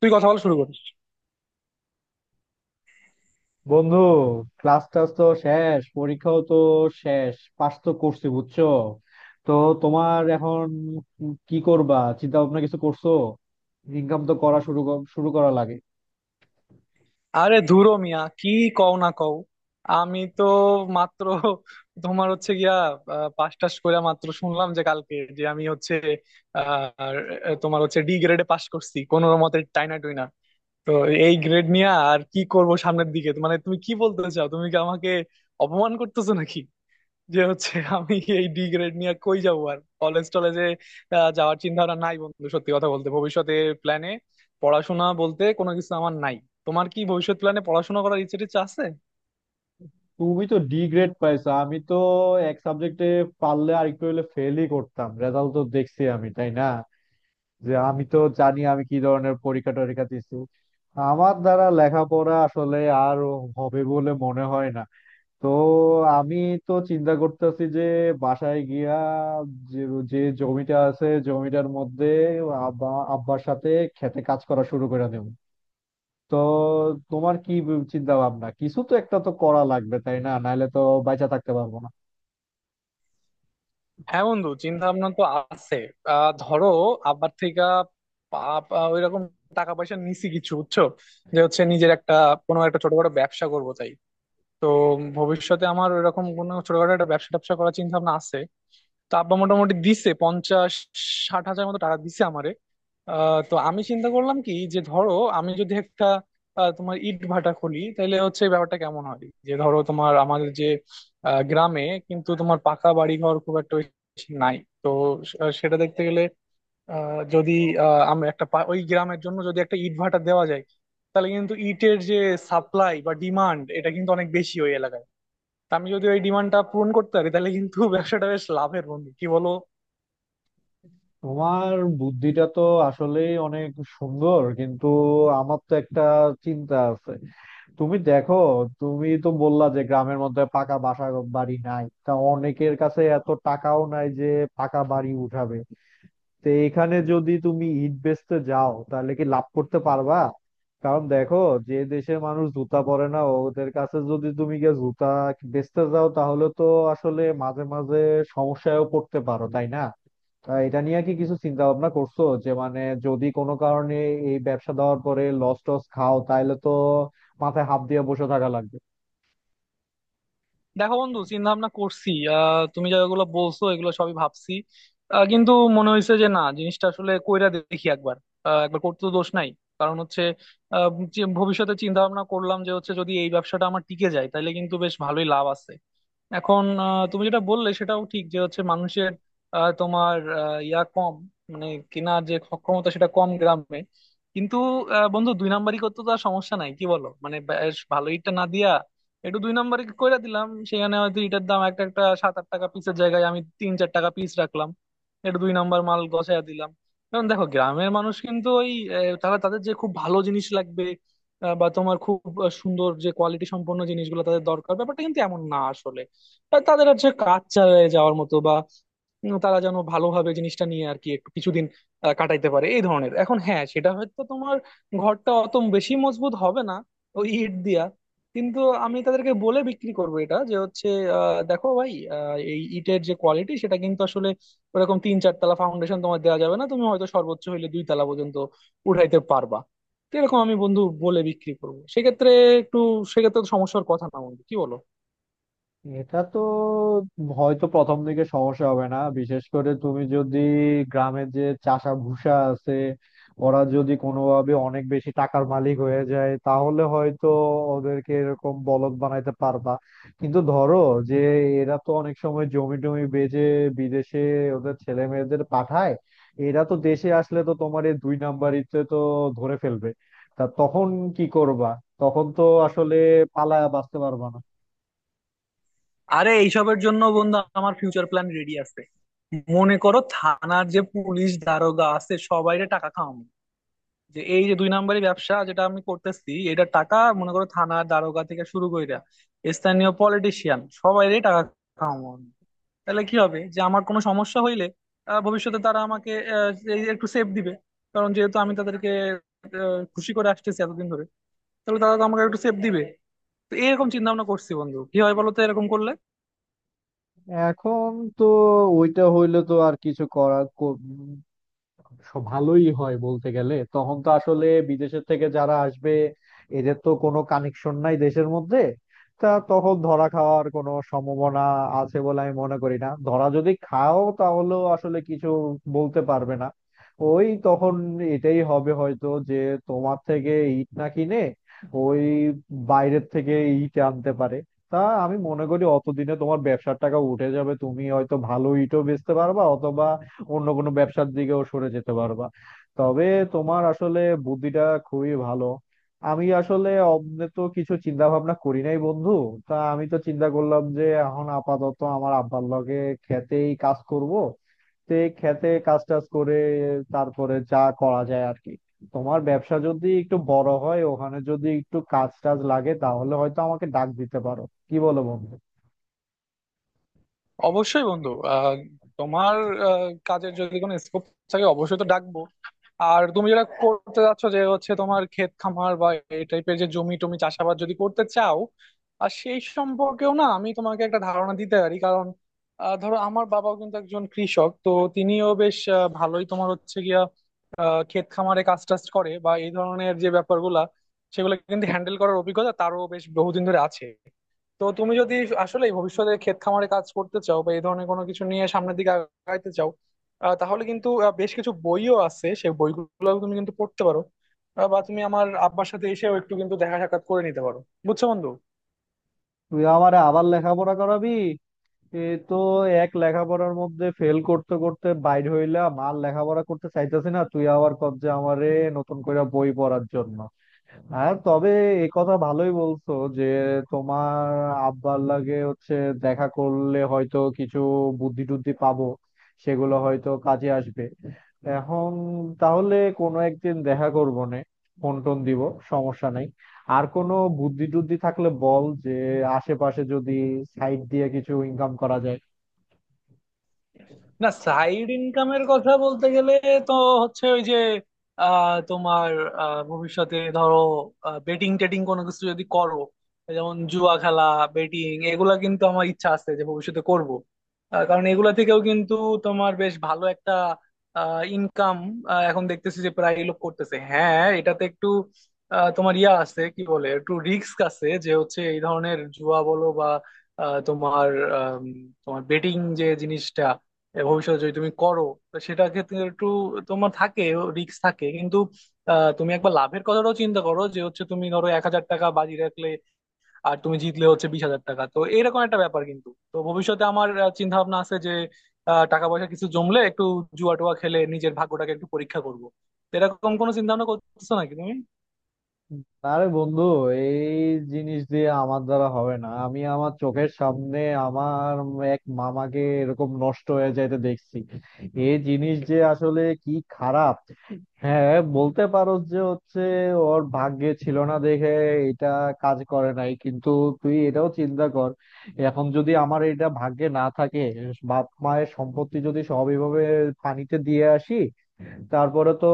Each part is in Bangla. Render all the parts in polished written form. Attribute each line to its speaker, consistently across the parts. Speaker 1: তুই কথা বলা শুরু করিস।
Speaker 2: বন্ধু, ক্লাস টাস তো শেষ, পরীক্ষাও তো শেষ, পাস তো করছি বুঝছো। তো তোমার এখন কি করবা? চিন্তা ভাবনা কিছু করছো? ইনকাম তো করা শুরু করা লাগে।
Speaker 1: আরে ধুরো মিয়া, কি কও না কও, আমি তো মাত্র তোমার হচ্ছে গিয়া পাস টাস করে মাত্র শুনলাম যে কালকে যে আমি হচ্ছে তোমার হচ্ছে ডি গ্রেডে পাস করছি কোনো মতে টাইনা টুইনা। তো এই গ্রেড নিয়ে আর কি করব সামনের দিকে, মানে তুমি কি বলতে চাও, তুমি কি আমাকে অপমান করতেছো নাকি যে হচ্ছে আমি এই ডি গ্রেড নিয়ে কই যাবো? আর কলেজ টলেজে যাওয়ার চিন্তা ভাবনা নাই বন্ধু, সত্যি কথা বলতে ভবিষ্যতে প্ল্যানে পড়াশোনা বলতে কোনো কিছু আমার নাই। তোমার কি ভবিষ্যৎ প্ল্যানে পড়াশোনা করার ইচ্ছে টিচ্ছে আছে?
Speaker 2: তুমি তো ডি গ্রেড পাইছো, আমি তো এক সাবজেক্টে পারলে আর একটু হলে ফেলই করতাম। রেজাল্ট তো দেখছি আমি, তাই না? যে আমি তো জানি আমি কি ধরনের পরীক্ষা টরীক্ষা দিছি। আমার দ্বারা লেখাপড়া আসলে আর হবে বলে মনে হয় না। তো আমি তো চিন্তা করতেছি যে বাসায় গিয়া, যে, জমিটা আছে জমিটার মধ্যে আব্বা, আব্বার সাথে খেতে কাজ করা শুরু করে দেব। তো তোমার কি চিন্তা ভাবনা? কিছু তো একটা তো করা লাগবে, তাই না? নাহলে তো বাইচা থাকতে পারবো না।
Speaker 1: হ্যাঁ বন্ধু, চিন্তা ভাবনা তো আছে। আহ ধরো, আব্বার থেকে ওই রকম টাকা পয়সা নিছি কিছু, বুঝছো, যে হচ্ছে নিজের একটা কোনো একটা ছোটখাটো ব্যবসা করবো। তাই তো ভবিষ্যতে আমার ওইরকম কোনো ছোটখাটো একটা ব্যবসা ট্যাবসা করার চিন্তা ভাবনা আছে। তো আব্বা মোটামুটি দিছে 50-60 হাজার মতো টাকা দিছে আমারে। তো আমি চিন্তা করলাম কি যে ধরো আমি যদি একটা তোমার ইট ভাটা খুলি, তাহলে হচ্ছে ব্যাপারটা কেমন হয়? যে ধরো তোমার আমাদের যে গ্রামে কিন্তু তোমার পাকা বাড়ি ঘর খুব একটা বেশি নাই। তো সেটা দেখতে গেলে, যদি আমরা একটা ওই গ্রামের জন্য যদি একটা ইট ভাটা দেওয়া যায়, তাহলে কিন্তু ইটের যে সাপ্লাই বা ডিমান্ড, এটা কিন্তু অনেক বেশি ওই এলাকায়। তা আমি যদি ওই ডিমান্ডটা পূরণ করতে পারি, তাহলে কিন্তু ব্যবসাটা বেশ লাভের। বন্ধু কি বলো?
Speaker 2: তোমার বুদ্ধিটা তো আসলেই অনেক সুন্দর, কিন্তু আমার তো একটা চিন্তা আছে। তুমি দেখো, তুমি তো বললা যে গ্রামের মধ্যে পাকা বাসা বাড়ি নাই, তা অনেকের কাছে এত টাকাও নাই যে পাকা বাড়ি উঠাবে। তো এখানে যদি তুমি ইট বেচতে যাও তাহলে কি লাভ করতে পারবা? কারণ দেখো, যে দেশের মানুষ জুতা পরে না, ওদের কাছে যদি তুমি গিয়ে জুতা বেচতে যাও তাহলে তো আসলে মাঝে মাঝে সমস্যায়ও পড়তে পারো, তাই না? তা এটা নিয়ে কি কিছু চিন্তা ভাবনা করছো যে মানে, যদি কোনো কারণে এই ব্যবসা দেওয়ার পরে লস টস খাও তাহলে তো মাথায় হাত দিয়ে বসে থাকা লাগবে।
Speaker 1: দেখো বন্ধু, চিন্তা ভাবনা করছি। আহ তুমি যেগুলো বলছো এগুলো সবই ভাবছি। কিন্তু মনে হয়েছে যে না, জিনিসটা আসলে কইরা দেখি একবার। একবার করতে তো দোষ নাই। কারণ হচ্ছে আহ, যে ভবিষ্যতে চিন্তা ভাবনা করলাম যে হচ্ছে যদি এই ব্যবসাটা আমার টিকে যায় তাহলে কিন্তু বেশ ভালোই লাভ আছে। এখন তুমি যেটা বললে সেটাও ঠিক, যে হচ্ছে মানুষের তোমার ইয়া কম, মানে কেনার যে সক্ষমতা সেটা কম গ্রামে। কিন্তু বন্ধু দুই নাম্বারি করতে তো আর সমস্যা নাই, কি বলো? মানে বেশ ভালো ইটটা না দিয়া একটু দুই নাম্বারি কইরা দিলাম সেখানে, হয়তো ইটার দাম একটা একটা 7-8 টাকা পিসের জায়গায় আমি 3-4 টাকা পিস রাখলাম, একটু দুই নাম্বার মাল গছায়া দিলাম। কারণ দেখো, গ্রামের মানুষ কিন্তু ওই তারা তাদের যে খুব ভালো জিনিস লাগবে, বা তোমার খুব সুন্দর যে কোয়ালিটি সম্পন্ন জিনিসগুলো তাদের দরকার, ব্যাপারটা কিন্তু এমন না আসলে। আর তাদের হচ্ছে কাজ চালিয়ে যাওয়ার মতো বা তারা যেন ভালোভাবে জিনিসটা নিয়ে আর কি একটু কিছুদিন কাটাইতে পারে এই ধরনের। এখন হ্যাঁ সেটা হয়তো তোমার ঘরটা অত বেশি মজবুত হবে না ওই ইট দিয়া, কিন্তু আমি তাদেরকে বলে বিক্রি করবো এটা, যে হচ্ছে দেখো ভাই, এই ইটের যে কোয়ালিটি সেটা কিন্তু আসলে ওরকম 3-4 তলা ফাউন্ডেশন তোমার দেওয়া যাবে না, তুমি হয়তো সর্বোচ্চ হইলে 2 তলা পর্যন্ত উঠাইতে পারবা। তো এরকম আমি বন্ধু বলে বিক্রি করবো সেক্ষেত্রে, একটু সেক্ষেত্রে তো সমস্যার কথা না বন্ধু, কি বলো?
Speaker 2: এটা তো হয়তো প্রথম দিকে সমস্যা হবে না, বিশেষ করে তুমি যদি গ্রামের যে চাষা ভুষা আছে, ওরা যদি কোনোভাবে অনেক বেশি টাকার মালিক হয়ে যায় তাহলে হয়তো ওদেরকে এরকম বলদ বানাইতে পারবা। কিন্তু ধরো, যে এরা তো অনেক সময় জমি টমি বেচে বিদেশে ওদের ছেলে মেয়েদের পাঠায়। এরা তো দেশে আসলে তো তোমার এই দুই নাম্বারিতে তো ধরে ফেলবে। তা তখন কি করবা? তখন তো আসলে পালায়া বাঁচতে পারবা না।
Speaker 1: আরে এইসবের জন্য বন্ধু আমার ফিউচার প্ল্যান রেডি আছে। মনে করো থানার যে পুলিশ দারোগা আছে সবাইরে টাকা খাওয়াবো, যে এই যে দুই নাম্বারি ব্যবসা যেটা আমি করতেছি এটা, টাকা মনে করো থানার দারোগা থেকে শুরু কইরা স্থানীয় পলিটিশিয়ান সবাইরে টাকা খাওয়াবো আমি। তাহলে কি হবে যে আমার কোনো সমস্যা হইলে ভবিষ্যতে তারা আমাকে এই যে একটু সেফ দিবে। কারণ যেহেতু আমি তাদেরকে খুশি করে আসতেছি এতদিন ধরে, তাহলে তারা তো আমাকে একটু সেফ দিবে। তো এরকম চিন্তা ভাবনা করছি বন্ধু, কি হয় বলো তো এরকম করলে?
Speaker 2: এখন তো ওইটা হইলে তো আর কিছু করার। সব ভালোই হয় বলতে গেলে, তখন তো আসলে বিদেশের থেকে যারা আসবে এদের তো কোনো কানেকশন নাই দেশের মধ্যে। তা তখন ধরা খাওয়ার কোনো সম্ভাবনা আছে বলে আমি মনে করি না। ধরা যদি খাও তাহলেও আসলে কিছু বলতে পারবে না। ওই তখন এটাই হবে হয়তো যে তোমার থেকে ইট না কিনে ওই বাইরের থেকে ইট আনতে পারে। তা আমি মনে করি অতদিনে তোমার ব্যবসার টাকা উঠে যাবে, তুমি হয়তো ভালো ইটও বেচতে পারবা অথবা অন্য কোনো ব্যবসার দিকেও সরে যেতে পারবা। তবে তোমার আসলে বুদ্ধিটা খুবই ভালো। আমি আসলে অমনে তো কিছু চিন্তা ভাবনা করি নাই বন্ধু। তা আমি তো চিন্তা করলাম যে এখন আপাতত আমার আব্বার লগে খেতেই কাজ করব। তো এই খেতে কাজ টাজ করে তারপরে যা করা যায় আর কি। তোমার ব্যবসা যদি একটু বড় হয়, ওখানে যদি একটু কাজ টাজ লাগে তাহলে হয়তো আমাকে ডাক দিতে পারো। কি বলো বন্ধু?
Speaker 1: অবশ্যই বন্ধু, তোমার কাজের যদি কোনো স্কোপ থাকে অবশ্যই তো ডাকবো। আর তুমি যেটা করতে যাচ্ছ যে হচ্ছে তোমার ক্ষেত খামার বা এই টাইপের যে জমি টমি চাষাবাদ যদি করতে চাও, আর সেই সম্পর্কেও না আমি তোমাকে একটা ধারণা দিতে পারি। কারণ ধরো আমার বাবাও কিন্তু একজন কৃষক, তো তিনিও বেশ ভালোই তোমার হচ্ছে গিয়া ক্ষেত খামারে কাজ টাজ করে বা এই ধরনের যে ব্যাপারগুলা, সেগুলো কিন্তু হ্যান্ডেল করার অভিজ্ঞতা তারও বেশ বহুদিন ধরে আছে। তো তুমি যদি আসলে ভবিষ্যতে ক্ষেত খামারে কাজ করতে চাও বা এই ধরনের কোনো কিছু নিয়ে সামনের দিকে আগাইতে চাও, তাহলে কিন্তু বেশ কিছু বইও আছে, সেই বইগুলো তুমি কিন্তু পড়তে পারো। বা তুমি আমার আব্বার সাথে এসেও একটু কিন্তু দেখা সাক্ষাৎ করে নিতে পারো, বুঝছো বন্ধু?
Speaker 2: তুই আমারে আবার লেখাপড়া করাবি? এ, তো এক লেখাপড়ার মধ্যে ফেল করতে করতে বাইর হইলাম, আর লেখাপড়া করতে চাইতেছি না, তুই আবার কব যে আমারে নতুন করে বই পড়ার জন্য। হ্যাঁ তবে এ কথা ভালোই বলছো যে তোমার আব্বার লাগে হচ্ছে দেখা করলে হয়তো কিছু বুদ্ধি টুদ্ধি পাবো, সেগুলো হয়তো কাজে আসবে। এখন তাহলে কোনো একদিন দেখা করবো নে, ফোন টোন দিব, সমস্যা নাই। আর কোনো বুদ্ধি টুদ্ধি থাকলে বল, যে আশেপাশে যদি সাইড দিয়ে কিছু ইনকাম করা যায়।
Speaker 1: না সাইড ইনকামের কথা বলতে গেলে তো হচ্ছে ওই যে তোমার ভবিষ্যতে ধরো বেটিং টেটিং কোনো কিছু যদি করো, যেমন জুয়া খেলা, বেটিং, এগুলা কিন্তু আমার ইচ্ছা আছে যে ভবিষ্যতে করব। কারণ এগুলা থেকেও কিন্তু তোমার বেশ ভালো একটা ইনকাম এখন দেখতেছি যে প্রায় লোক করতেছে। হ্যাঁ এটাতে একটু তোমার ইয়া আছে কি বলে, একটু রিস্ক আছে যে হচ্ছে এই ধরনের জুয়া বলো বা তোমার আম, তোমার বেটিং যে জিনিসটা, এ ভবিষ্যতে যদি তুমি করো তো সেটা ক্ষেত্রে একটু তোমার থাকে, রিস্ক থাকে কিন্তু তুমি একবার লাভের কথাটাও চিন্তা করো যে হচ্ছে তুমি ধরো 1,000 টাকা বাজি রাখলে, আর তুমি জিতলে হচ্ছে 20,000 টাকা। তো এরকম একটা ব্যাপার কিন্তু, তো ভবিষ্যতে আমার চিন্তা ভাবনা আছে যে টাকা পয়সা কিছু জমলে একটু জুয়া টুয়া খেলে নিজের ভাগ্যটাকে একটু পরীক্ষা করবো। তো এরকম কোনো চিন্তা ভাবনা করতেছো নাকি তুমি?
Speaker 2: আরে বন্ধু, এই জিনিস দিয়ে আমার দ্বারা হবে না। আমি আমার চোখের সামনে আমার এক মামাকে এরকম নষ্ট হয়ে যাইতে দেখছি। এই জিনিস যে আসলে কি খারাপ! হ্যাঁ, বলতে পারো যে হচ্ছে ওর ভাগ্যে ছিল না দেখে এটা কাজ করে নাই। কিন্তু তুই এটাও চিন্তা কর, এখন যদি আমার এটা ভাগ্যে না থাকে, বাপ মায়ের সম্পত্তি যদি সব এভাবে পানিতে দিয়ে আসি, তারপরে তো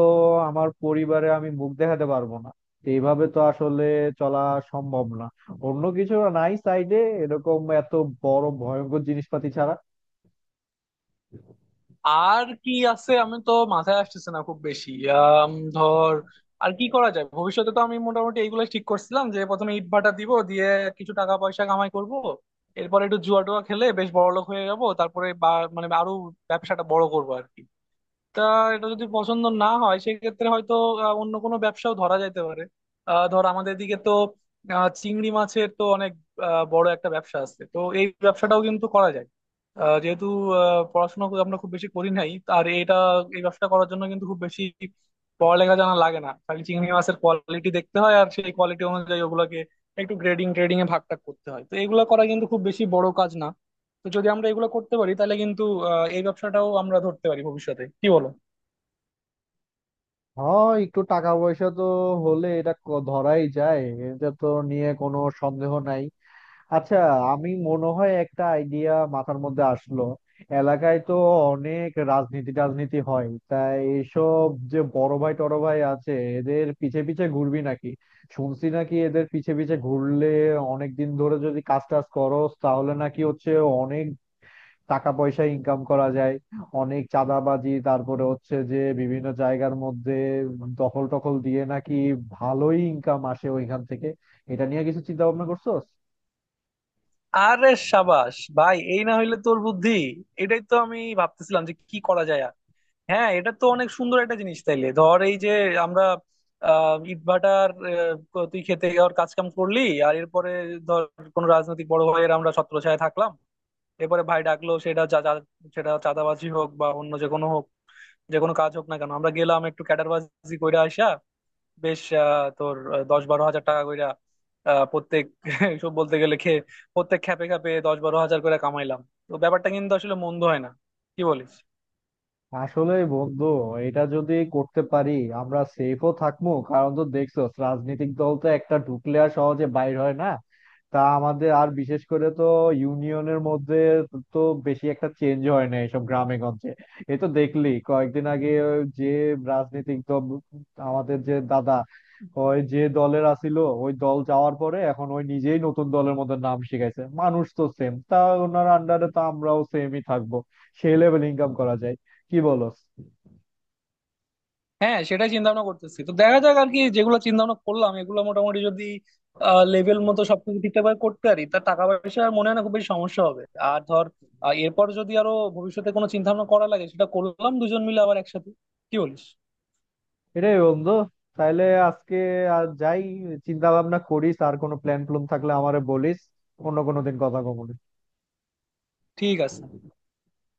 Speaker 2: আমার পরিবারে আমি মুখ দেখাতে পারবো না। তো এইভাবে তো আসলে চলা সম্ভব না। অন্য কিছু নাই সাইডে, এরকম এত বড় ভয়ঙ্কর জিনিসপাতি ছাড়া?
Speaker 1: আর কি আছে, আমি তো মাথায় আসতেছে না খুব বেশি। ধর আর কি করা যায়, ভবিষ্যতে তো আমি মোটামুটি এইগুলো ঠিক করছিলাম যে প্রথমে ইট ভাটা দিব, দিয়ে কিছু টাকা পয়সা কামাই করব, এরপর একটু জুয়া টুয়া খেলে বেশ বড়লোক হয়ে যাব, তারপরে মানে আরো ব্যবসাটা বড় করবো আর কি। তা এটা যদি পছন্দ না হয় সেক্ষেত্রে হয়তো অন্য কোনো ব্যবসাও ধরা যাইতে পারে। ধর আমাদের দিকে তো চিংড়ি মাছের তো অনেক বড় একটা ব্যবসা আছে, তো এই ব্যবসাটাও কিন্তু করা যায়। যেহেতু পড়াশোনা আমরা খুব বেশি করি নাই, আর এটা এই ব্যবসা করার জন্য কিন্তু খুব বেশি পড়ালেখা জানা লাগে না, খালি চিংড়ি মাছের কোয়ালিটি দেখতে হয়, আর সেই কোয়ালিটি অনুযায়ী ওগুলোকে একটু গ্রেডিং ট্রেডিং এ ভাগ টাগ করতে হয়। তো এগুলো করা কিন্তু খুব বেশি বড় কাজ না। তো যদি আমরা এগুলো করতে পারি তাহলে কিন্তু এই ব্যবসাটাও আমরা ধরতে পারি ভবিষ্যতে, কি বলো?
Speaker 2: হয় একটু টাকা পয়সা তো হলে ধরাই যায়, এটা তো নিয়ে কোনো সন্দেহ নাই। আচ্ছা, আমি মনে হয় একটা আইডিয়া মাথার মধ্যে আসলো। এলাকায় তো অনেক রাজনীতি টাজনীতি হয়, তাই এইসব যে বড় ভাই টড় ভাই আছে এদের পিছে পিছে ঘুরবি নাকি? শুনছি নাকি এদের পিছে পিছে ঘুরলে, অনেক দিন ধরে যদি কাজ টাজ করস তাহলে নাকি হচ্ছে অনেক টাকা পয়সা ইনকাম করা যায়। অনেক চাঁদাবাজি, তারপরে হচ্ছে যে বিভিন্ন জায়গার মধ্যে দখল টখল দিয়ে নাকি ভালোই ইনকাম আসে ওইখান থেকে। এটা নিয়ে কিছু চিন্তা ভাবনা করছোস?
Speaker 1: আরে সাবাস ভাই, এই না হইলে তোর বুদ্ধি! এটাই তো আমি ভাবতেছিলাম যে কি করা যায় আর। হ্যাঁ এটা তো অনেক সুন্দর একটা জিনিস। তাইলে ধর এই যে আমরা আহ ইটভাটার তুই খেতে যাওয়ার কাজ কাম করলি, আর এরপরে ধর কোনো রাজনৈতিক বড় ভাইয়ের আমরা ছত্রছায়ায় থাকলাম, এরপরে ভাই ডাকলো, সেটা যা যা- সেটা চাঁদাবাজি হোক বা অন্য যে কোনো হোক, যে কোনো কাজ হোক না কেন, আমরা গেলাম একটু ক্যাডারবাজি কইরা আসা। বেশ তোর 10-12 হাজার টাকা কইরা প্রত্যেক সব বলতে গেলে খেয়ে প্রত্যেক খ্যাপে খ্যাপে 10-12 হাজার করে কামাইলাম। তো ব্যাপারটা কিন্তু আসলে মন্দ হয় না, কি বলিস?
Speaker 2: আসলে বন্ধু এটা যদি করতে পারি আমরা সেফও থাকবো, কারণ তো দেখছো রাজনৈতিক দল তো একটা ঢুকলে আর সহজে বাইর হয় না। তা আমাদের আর বিশেষ করে তো ইউনিয়নের মধ্যে তো বেশি একটা চেঞ্জ হয় না এসব গ্রামে গঞ্জে। এ তো দেখলি কয়েকদিন আগে যে রাজনৈতিক দল, আমাদের যে দাদা ওই যে দলের আছিল, ওই দল যাওয়ার পরে এখন ওই নিজেই নতুন দলের মধ্যে নাম শিখাইছে। মানুষ তো সেম, তা ওনার আন্ডারে তো আমরাও সেমই থাকবো। সেই লেভেল ইনকাম করা যায়। কি বলস?
Speaker 1: হ্যাঁ সেটাই চিন্তা ভাবনা করতেছি। তো দেখা যাক আর কি, যেগুলো চিন্তা ভাবনা করলাম এগুলো মোটামুটি যদি লেভেল মতো সবকিছু ঠিকঠাক ভাবে করতে পারি, তা টাকা পয়সা আর মনে হয় না খুব বেশি সমস্যা হবে। আর ধর এরপর যদি আরো ভবিষ্যতে কোনো চিন্তা ভাবনা করা লাগে, সেটা করলাম দুজন মিলে আবার একসাথে, কি বলিস?
Speaker 2: এটাই বন্ধু। তাইলে আজকে আর, যাই চিন্তা ভাবনা করিস, আর কোনো প্ল্যান প্লুন থাকলে আমারে বলিস। অন্য কোনো দিন কথা কমুনি।
Speaker 1: ঠিক আছে।